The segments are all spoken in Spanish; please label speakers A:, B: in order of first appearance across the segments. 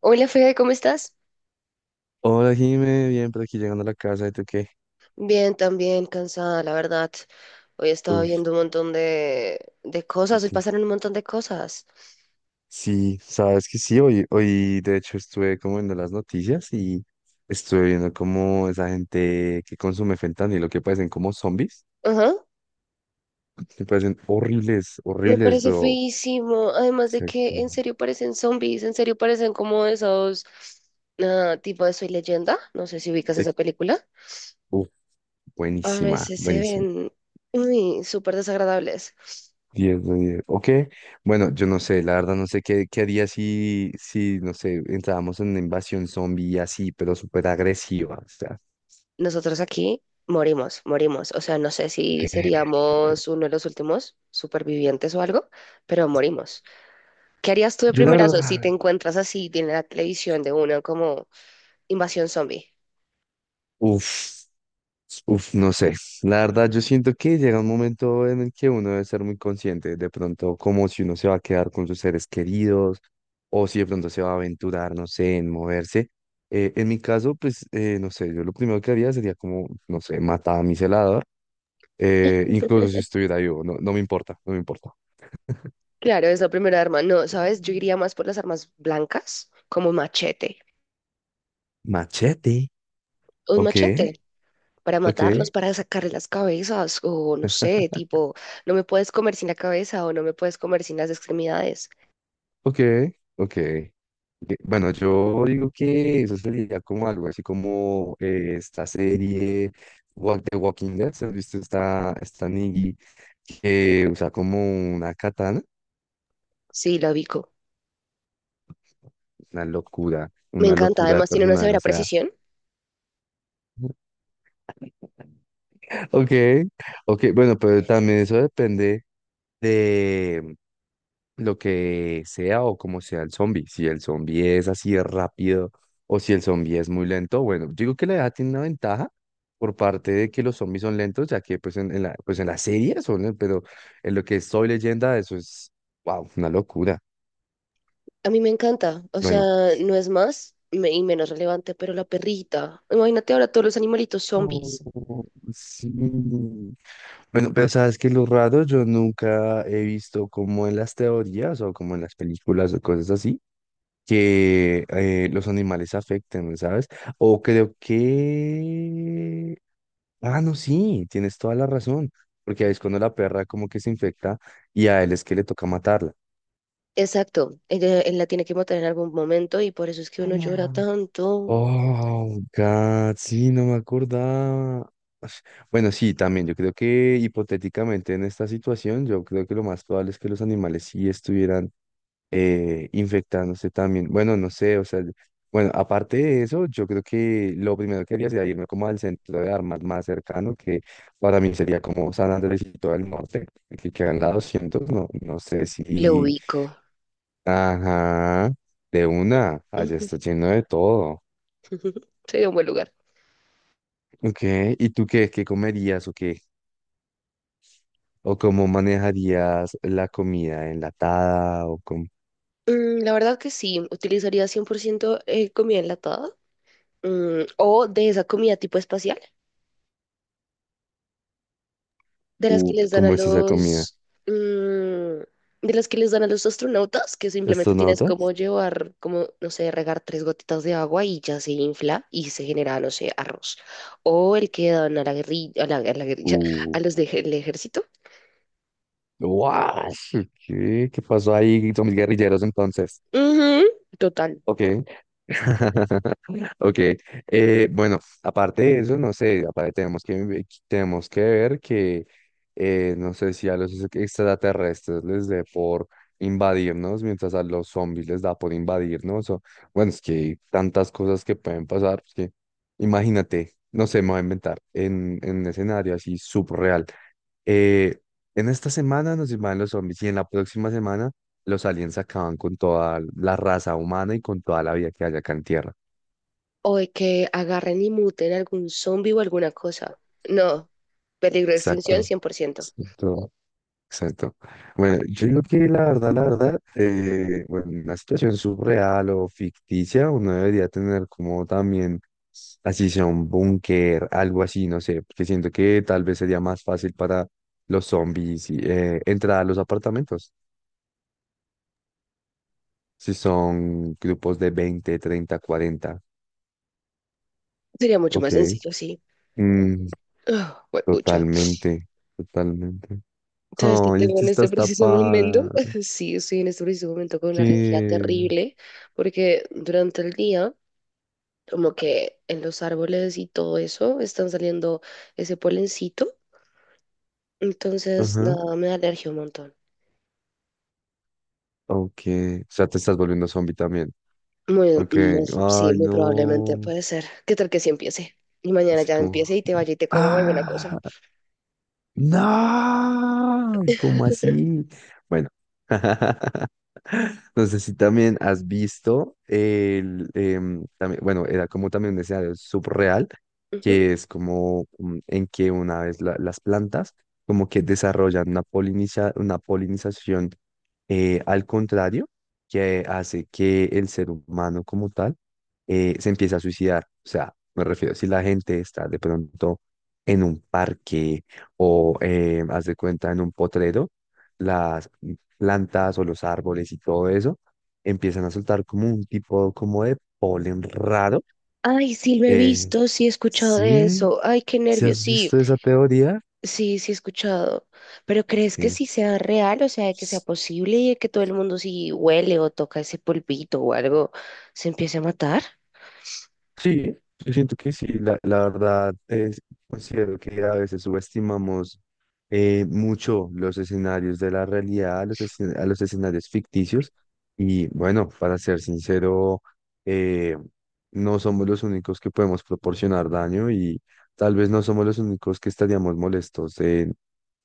A: Hola Fede, ¿cómo estás?
B: Hola, Jime, bien, por aquí llegando a la casa, ¿y tú qué?
A: Bien, también cansada, la verdad. Hoy he estado
B: Uf,
A: viendo un montón de cosas. Hoy
B: noti-
A: pasaron un montón de cosas.
B: sí, sabes que sí, hoy de hecho estuve como viendo las noticias y estuve viendo como esa gente que consume fentanilo, que parecen como zombies,
A: Ajá,
B: que parecen horribles,
A: me
B: horribles,
A: parece
B: pero
A: feísimo. Además de que
B: exacto,
A: en serio parecen zombies, en serio parecen como esos tipo de Soy Leyenda. No sé si ubicas esa
B: ex-
A: película.
B: uf,
A: A
B: buenísima,
A: veces se
B: buenísima.
A: ven súper desagradables.
B: 10 de 10. Ok, bueno, yo no sé, la verdad no sé qué haría no sé, entrábamos en una invasión zombie así, pero súper agresiva, o sea.
A: Nosotros aquí morimos, morimos. O sea, no sé si seríamos uno de los últimos supervivientes o algo, pero morimos. ¿Qué harías tú de
B: Yo la
A: primerazo si te
B: verdad,
A: encuentras así en la televisión de una como invasión zombie?
B: uff, no sé. La verdad, yo siento que llega un momento en el que uno debe ser muy consciente, de pronto como si uno se va a quedar con sus seres queridos o si de pronto se va a aventurar, no sé, en moverse. En mi caso, pues, no sé, yo lo primero que haría sería como, no sé, matar a mi celador, incluso si estuviera vivo, no, no me importa, no me importa.
A: Claro, es la primera arma. No, ¿sabes? Yo iría más por las armas blancas, como un machete.
B: Machete,
A: Un
B: ok,
A: machete para
B: ok.
A: matarlos, para sacarle las cabezas, o no sé, tipo, no me puedes comer sin la cabeza o no me puedes comer sin las extremidades.
B: Ok, ok. Ok, bueno, yo digo que eso sería como algo así como esta serie Walk the Walking Dead. ¿Has visto esta, esta Negan que usa como una katana?
A: Sí, la ubico. Me
B: Una
A: encanta,
B: locura de
A: además tiene una
B: personaje. O
A: severa
B: sea,
A: precisión.
B: ok, ok. Bueno, pero también eso depende lo que sea o como sea el zombie. Si el zombie es así de rápido o si el zombie es muy lento, bueno, digo que la edad tiene una ventaja por parte de que los zombies son lentos, ya que pues pues en la serie son, len- pero en lo que estoy leyenda, eso es, wow, una locura.
A: A mí me encanta, o sea,
B: Bueno.
A: no es más y menos relevante, pero la perrita. Imagínate ahora todos los animalitos zombies.
B: Oh, sí. Bueno, pero sabes que lo raro, yo nunca he visto como en las teorías o como en las películas o cosas así. Que los animales afecten, ¿sabes? O creo que... Ah, no, sí, tienes toda la razón, porque ahí es cuando la perra como que se infecta y a él es que le toca matarla.
A: Exacto, ella, él la tiene que matar en algún momento y por eso es que uno llora
B: Ah.
A: tanto.
B: Oh, God, sí, no me acordaba. Ash, bueno, sí, también, yo creo que hipotéticamente en esta situación, yo creo que lo más probable es que los animales sí estuvieran infectándose también. Bueno, no sé, o sea, bueno, aparte de eso, yo creo que lo primero que haría sería irme como al centro de armas más cercano, que para mí sería como San Andrés y todo el norte, que quedan la 200 no, no sé
A: Le
B: si...
A: ubico.
B: Ajá, de una, allá
A: Ujú.
B: está lleno de todo.
A: Sería un buen lugar.
B: Ok, ¿y tú qué, qué comerías o qué? ¿O cómo manejarías la comida enlatada? ¿O cómo,
A: Mm, la verdad que sí, utilizaría 100% comida enlatada, mm, o de esa comida tipo espacial, de las que
B: uf,
A: les dan a
B: cómo es esa comida?
A: los, mm, de las que les dan a los astronautas, que simplemente tienes como
B: ¿Astronautas?
A: llevar, como, no sé, regar 3 gotitas de agua y ya se infla y se genera, no sé, arroz. O el que dan a la guerrilla, a la guerrilla, a los del ejército.
B: Guau, sí, ¿qué? ¿Qué pasó ahí? Con mis guerrilleros entonces.
A: Ujú. Total.
B: Ok. Ok. Bueno, aparte de eso, no sé, aparte tenemos que ver que, no sé si a los extraterrestres les dé por invadirnos, mientras a los zombies les da por invadirnos. O, bueno, es que hay tantas cosas que pueden pasar, pues que imagínate, no sé, me voy a inventar, en un escenario así subreal. Eh, en esta semana nos invaden los zombies y en la próxima semana los aliens acaban con toda la raza humana y con toda la vida que haya acá en Tierra.
A: O de que agarren y muten algún zombie o alguna cosa. No, peligro de extinción
B: Exacto.
A: 100%.
B: Exacto. Exacto. Bueno, yo creo que la verdad, bueno, una situación surreal o ficticia, uno debería tener como también, así sea un búnker, algo así, no sé, porque siento que tal vez sería más fácil para los zombies y, entrar a los apartamentos. Si son grupos de 20 30 40.
A: Sería mucho más
B: Ok.
A: sencillo, sí.
B: Mm,
A: Ah, huepucha.
B: totalmente, totalmente.
A: ¿Sabes qué
B: Ay,
A: tengo
B: tú
A: en este
B: estás
A: preciso momento?
B: tapada.
A: Sí, estoy en este preciso momento con una alergia
B: ¿Qué?
A: terrible porque durante el día, como que en los árboles y todo eso, están saliendo ese polencito. Entonces,
B: Ajá.
A: nada, me da alergia un montón.
B: Ok. O sea, te estás volviendo zombie también.
A: Muy,
B: Ok.
A: sí,
B: Ay,
A: muy probablemente
B: no.
A: puede ser. ¿Qué tal que sí empiece? Y mañana
B: Así
A: ya
B: como.
A: empiece y te vaya y te coma alguna
B: Ah.
A: cosa.
B: No, ¿cómo así? Bueno, no sé si también has visto el, también- bueno, era como también un escenario subreal,
A: Ujú.
B: que es como mm, en que una vez la- las plantas como que desarrollan una poliniza- una polinización al contrario, que hace que el ser humano como tal se empiece a suicidar. O sea, me refiero, si la gente está de pronto en un parque o haz de cuenta en un potrero, las plantas o los árboles y todo eso empiezan a soltar como un tipo como de polen raro.
A: Ay, sí, lo he
B: Eh,
A: visto, sí he escuchado de
B: sí,
A: eso. Ay, qué
B: ¿si
A: nervios,
B: has
A: sí,
B: visto esa teoría?
A: sí he escuchado. Pero ¿crees que
B: Que
A: sí sea real? O sea, ¿que sea
B: pues,
A: posible y que todo el mundo si huele o toca ese polvito o algo, se empiece a matar?
B: sí, yo siento que sí, la verdad es, considero que a veces subestimamos mucho los escenarios de la realidad a los, escen- a los escenarios ficticios y bueno, para ser sincero, eh, no somos los únicos que podemos proporcionar daño y tal vez no somos los únicos que estaríamos molestos en,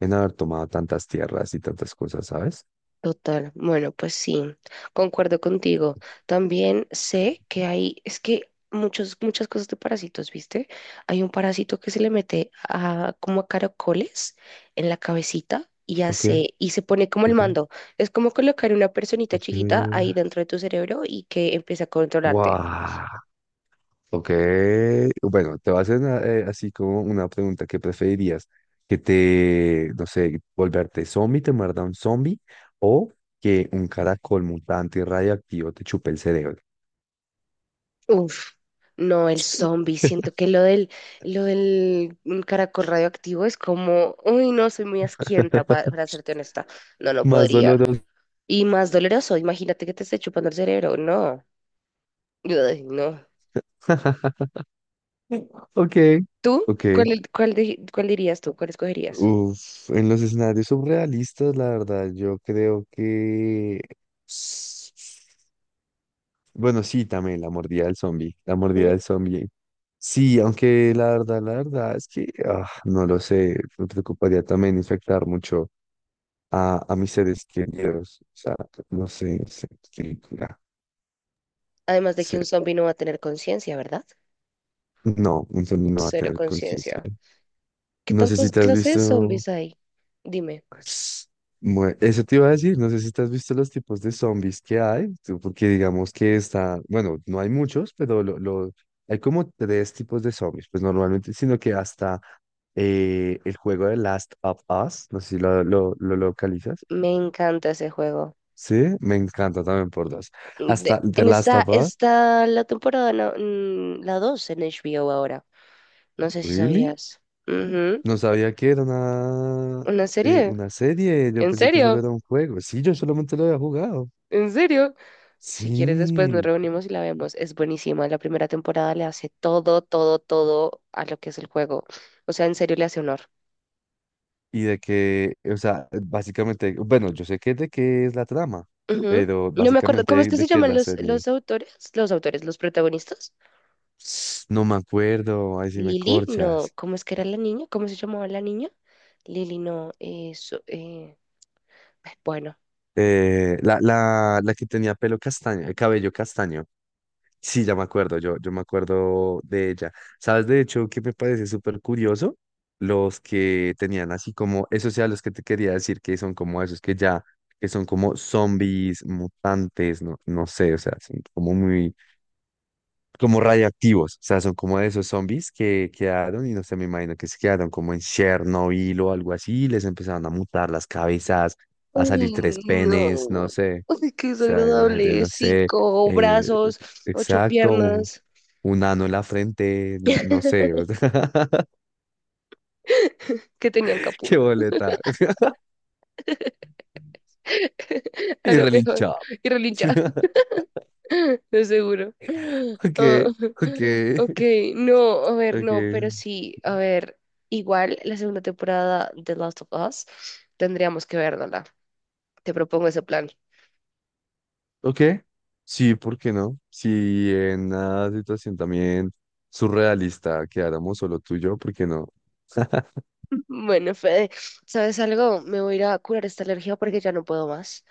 B: en haber tomado tantas tierras y tantas cosas, ¿sabes?
A: Total, bueno, pues sí, concuerdo contigo. También sé que hay, es que muchas cosas de parásitos, ¿viste? Hay un parásito que se le mete a, como a caracoles en la cabecita y
B: ¿Por qué?
A: hace, y se pone como el
B: ¿Por qué?
A: mando. Es como colocar una personita
B: ¿Por qué?
A: chiquita ahí dentro de tu cerebro y que empieza a controlarte.
B: ¡Wow! Ok, bueno, te voy a hacer una, así como una pregunta, ¿qué preferirías? ¿Que te, no sé, volverte zombie, te muerda un zombie o que un caracol mutante y radioactivo te chupe el cerebro?
A: Uf, no, el zombie. Siento que lo del mm, caracol radioactivo es como, uy, no, soy muy asquienta, para serte honesta. No, no
B: Más
A: podría.
B: doloroso.
A: Y más doloroso, imagínate que te esté chupando el cerebro. No, ay, no.
B: Ok,
A: ¿Tú?
B: ok.
A: ¿Cuál, cuál, cuál dirías tú? ¿Cuál escogerías?
B: Uf, en los escenarios surrealistas, la verdad, yo creo que... Bueno, sí, también la mordida del zombie. La mordida
A: ¿Mm?
B: del zombie. Sí, aunque la verdad es que ah, no lo sé, me preocuparía también infectar mucho a mis seres queridos. O sea, no sé, sé que- ya,
A: Además de que
B: sé.
A: un zombie no va a tener conciencia, ¿verdad?
B: No, entonces no va a
A: Cero
B: tener conciencia.
A: conciencia. ¿Qué
B: No sé si
A: tantas
B: te has
A: clases de
B: visto.
A: zombies hay? Dime,
B: Bueno, eso te iba a decir, no sé si te has visto los tipos de zombies que hay, tú, porque digamos que está, bueno, no hay muchos, pero lo- hay como 3 tipos de zombies, pues normalmente, sino que hasta el juego de Last of Us, no sé si lo localizas,
A: me encanta ese juego.
B: sí, me encanta también por dos. Hasta The
A: En
B: Last of Us,
A: la temporada, no, mm, la 2 en HBO ahora. No sé si
B: ¿really?
A: sabías. Ujú.
B: No sabía que era
A: Una serie.
B: una serie, yo
A: ¿En
B: pensé que solo
A: serio?
B: era un juego, sí, yo solamente lo había jugado,
A: ¿En serio? Si quieres, después nos
B: sí.
A: reunimos y la vemos. Es buenísima. La primera temporada le hace todo, todo, todo a lo que es el juego. O sea, en serio le hace honor.
B: Y de que, o sea, básicamente, bueno, yo sé que de qué es la trama,
A: Ujú.
B: pero
A: No me acuerdo. ¿Cómo es
B: básicamente
A: que se
B: de qué es
A: llaman
B: la serie.
A: los autores? Los autores, los protagonistas.
B: No me acuerdo, ahí sí me
A: Lili, no.
B: corchas.
A: ¿Cómo es que era la niña? ¿Cómo se llamaba la niña? Lili, no. Eso, bueno.
B: La que tenía pelo castaño, cabello castaño. Sí, ya me acuerdo, yo me acuerdo de ella. ¿Sabes de hecho que me parece súper curioso? Los que tenían así como, esos sea los que te quería decir que son como esos que ya, que son como zombies, mutantes, no, no sé, o sea, son como muy como radioactivos, o sea, son como de esos zombies que quedaron y no sé, me imagino que se quedaron como en Chernobyl o algo así, y les empezaron a mutar las cabezas, a salir tres
A: Uy,
B: penes, no
A: no,
B: sé, o
A: ay, qué
B: sea, imagínate,
A: desagradable.
B: no sé,
A: Cinco
B: eh,
A: brazos, ocho
B: exacto,
A: piernas,
B: un ano en la frente, no, no sé, o sea,
A: que tenían
B: qué
A: Capula.
B: boleta,
A: A
B: y
A: lo mejor.
B: relinchado.
A: Y relincha, de seguro.
B: Ok,
A: Ah,
B: ok,
A: ok, no, a ver, no, pero
B: ok.
A: sí, a ver, igual la segunda temporada de Last of Us tendríamos que verla. Te propongo ese plan.
B: Ok, sí, ¿por qué no? Si en una situación también surrealista quedáramos solo tú y yo, ¿por qué no?
A: Bueno, Fede, ¿sabes algo? Me voy a ir a curar esta alergia porque ya no puedo más.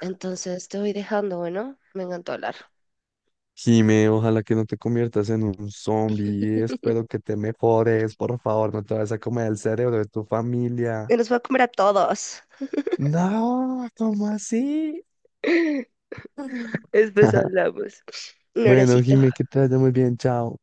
A: Entonces te voy dejando, bueno, me encantó hablar.
B: Jime, ojalá que no te conviertas en un zombie, espero que te mejores, por favor, no te vas a comer el cerebro de tu familia.
A: Y nos va a comer a todos.
B: No, ¿cómo así?
A: Después hablamos. Un
B: Bueno,
A: abracito.
B: Jime, que te vaya muy bien, chao.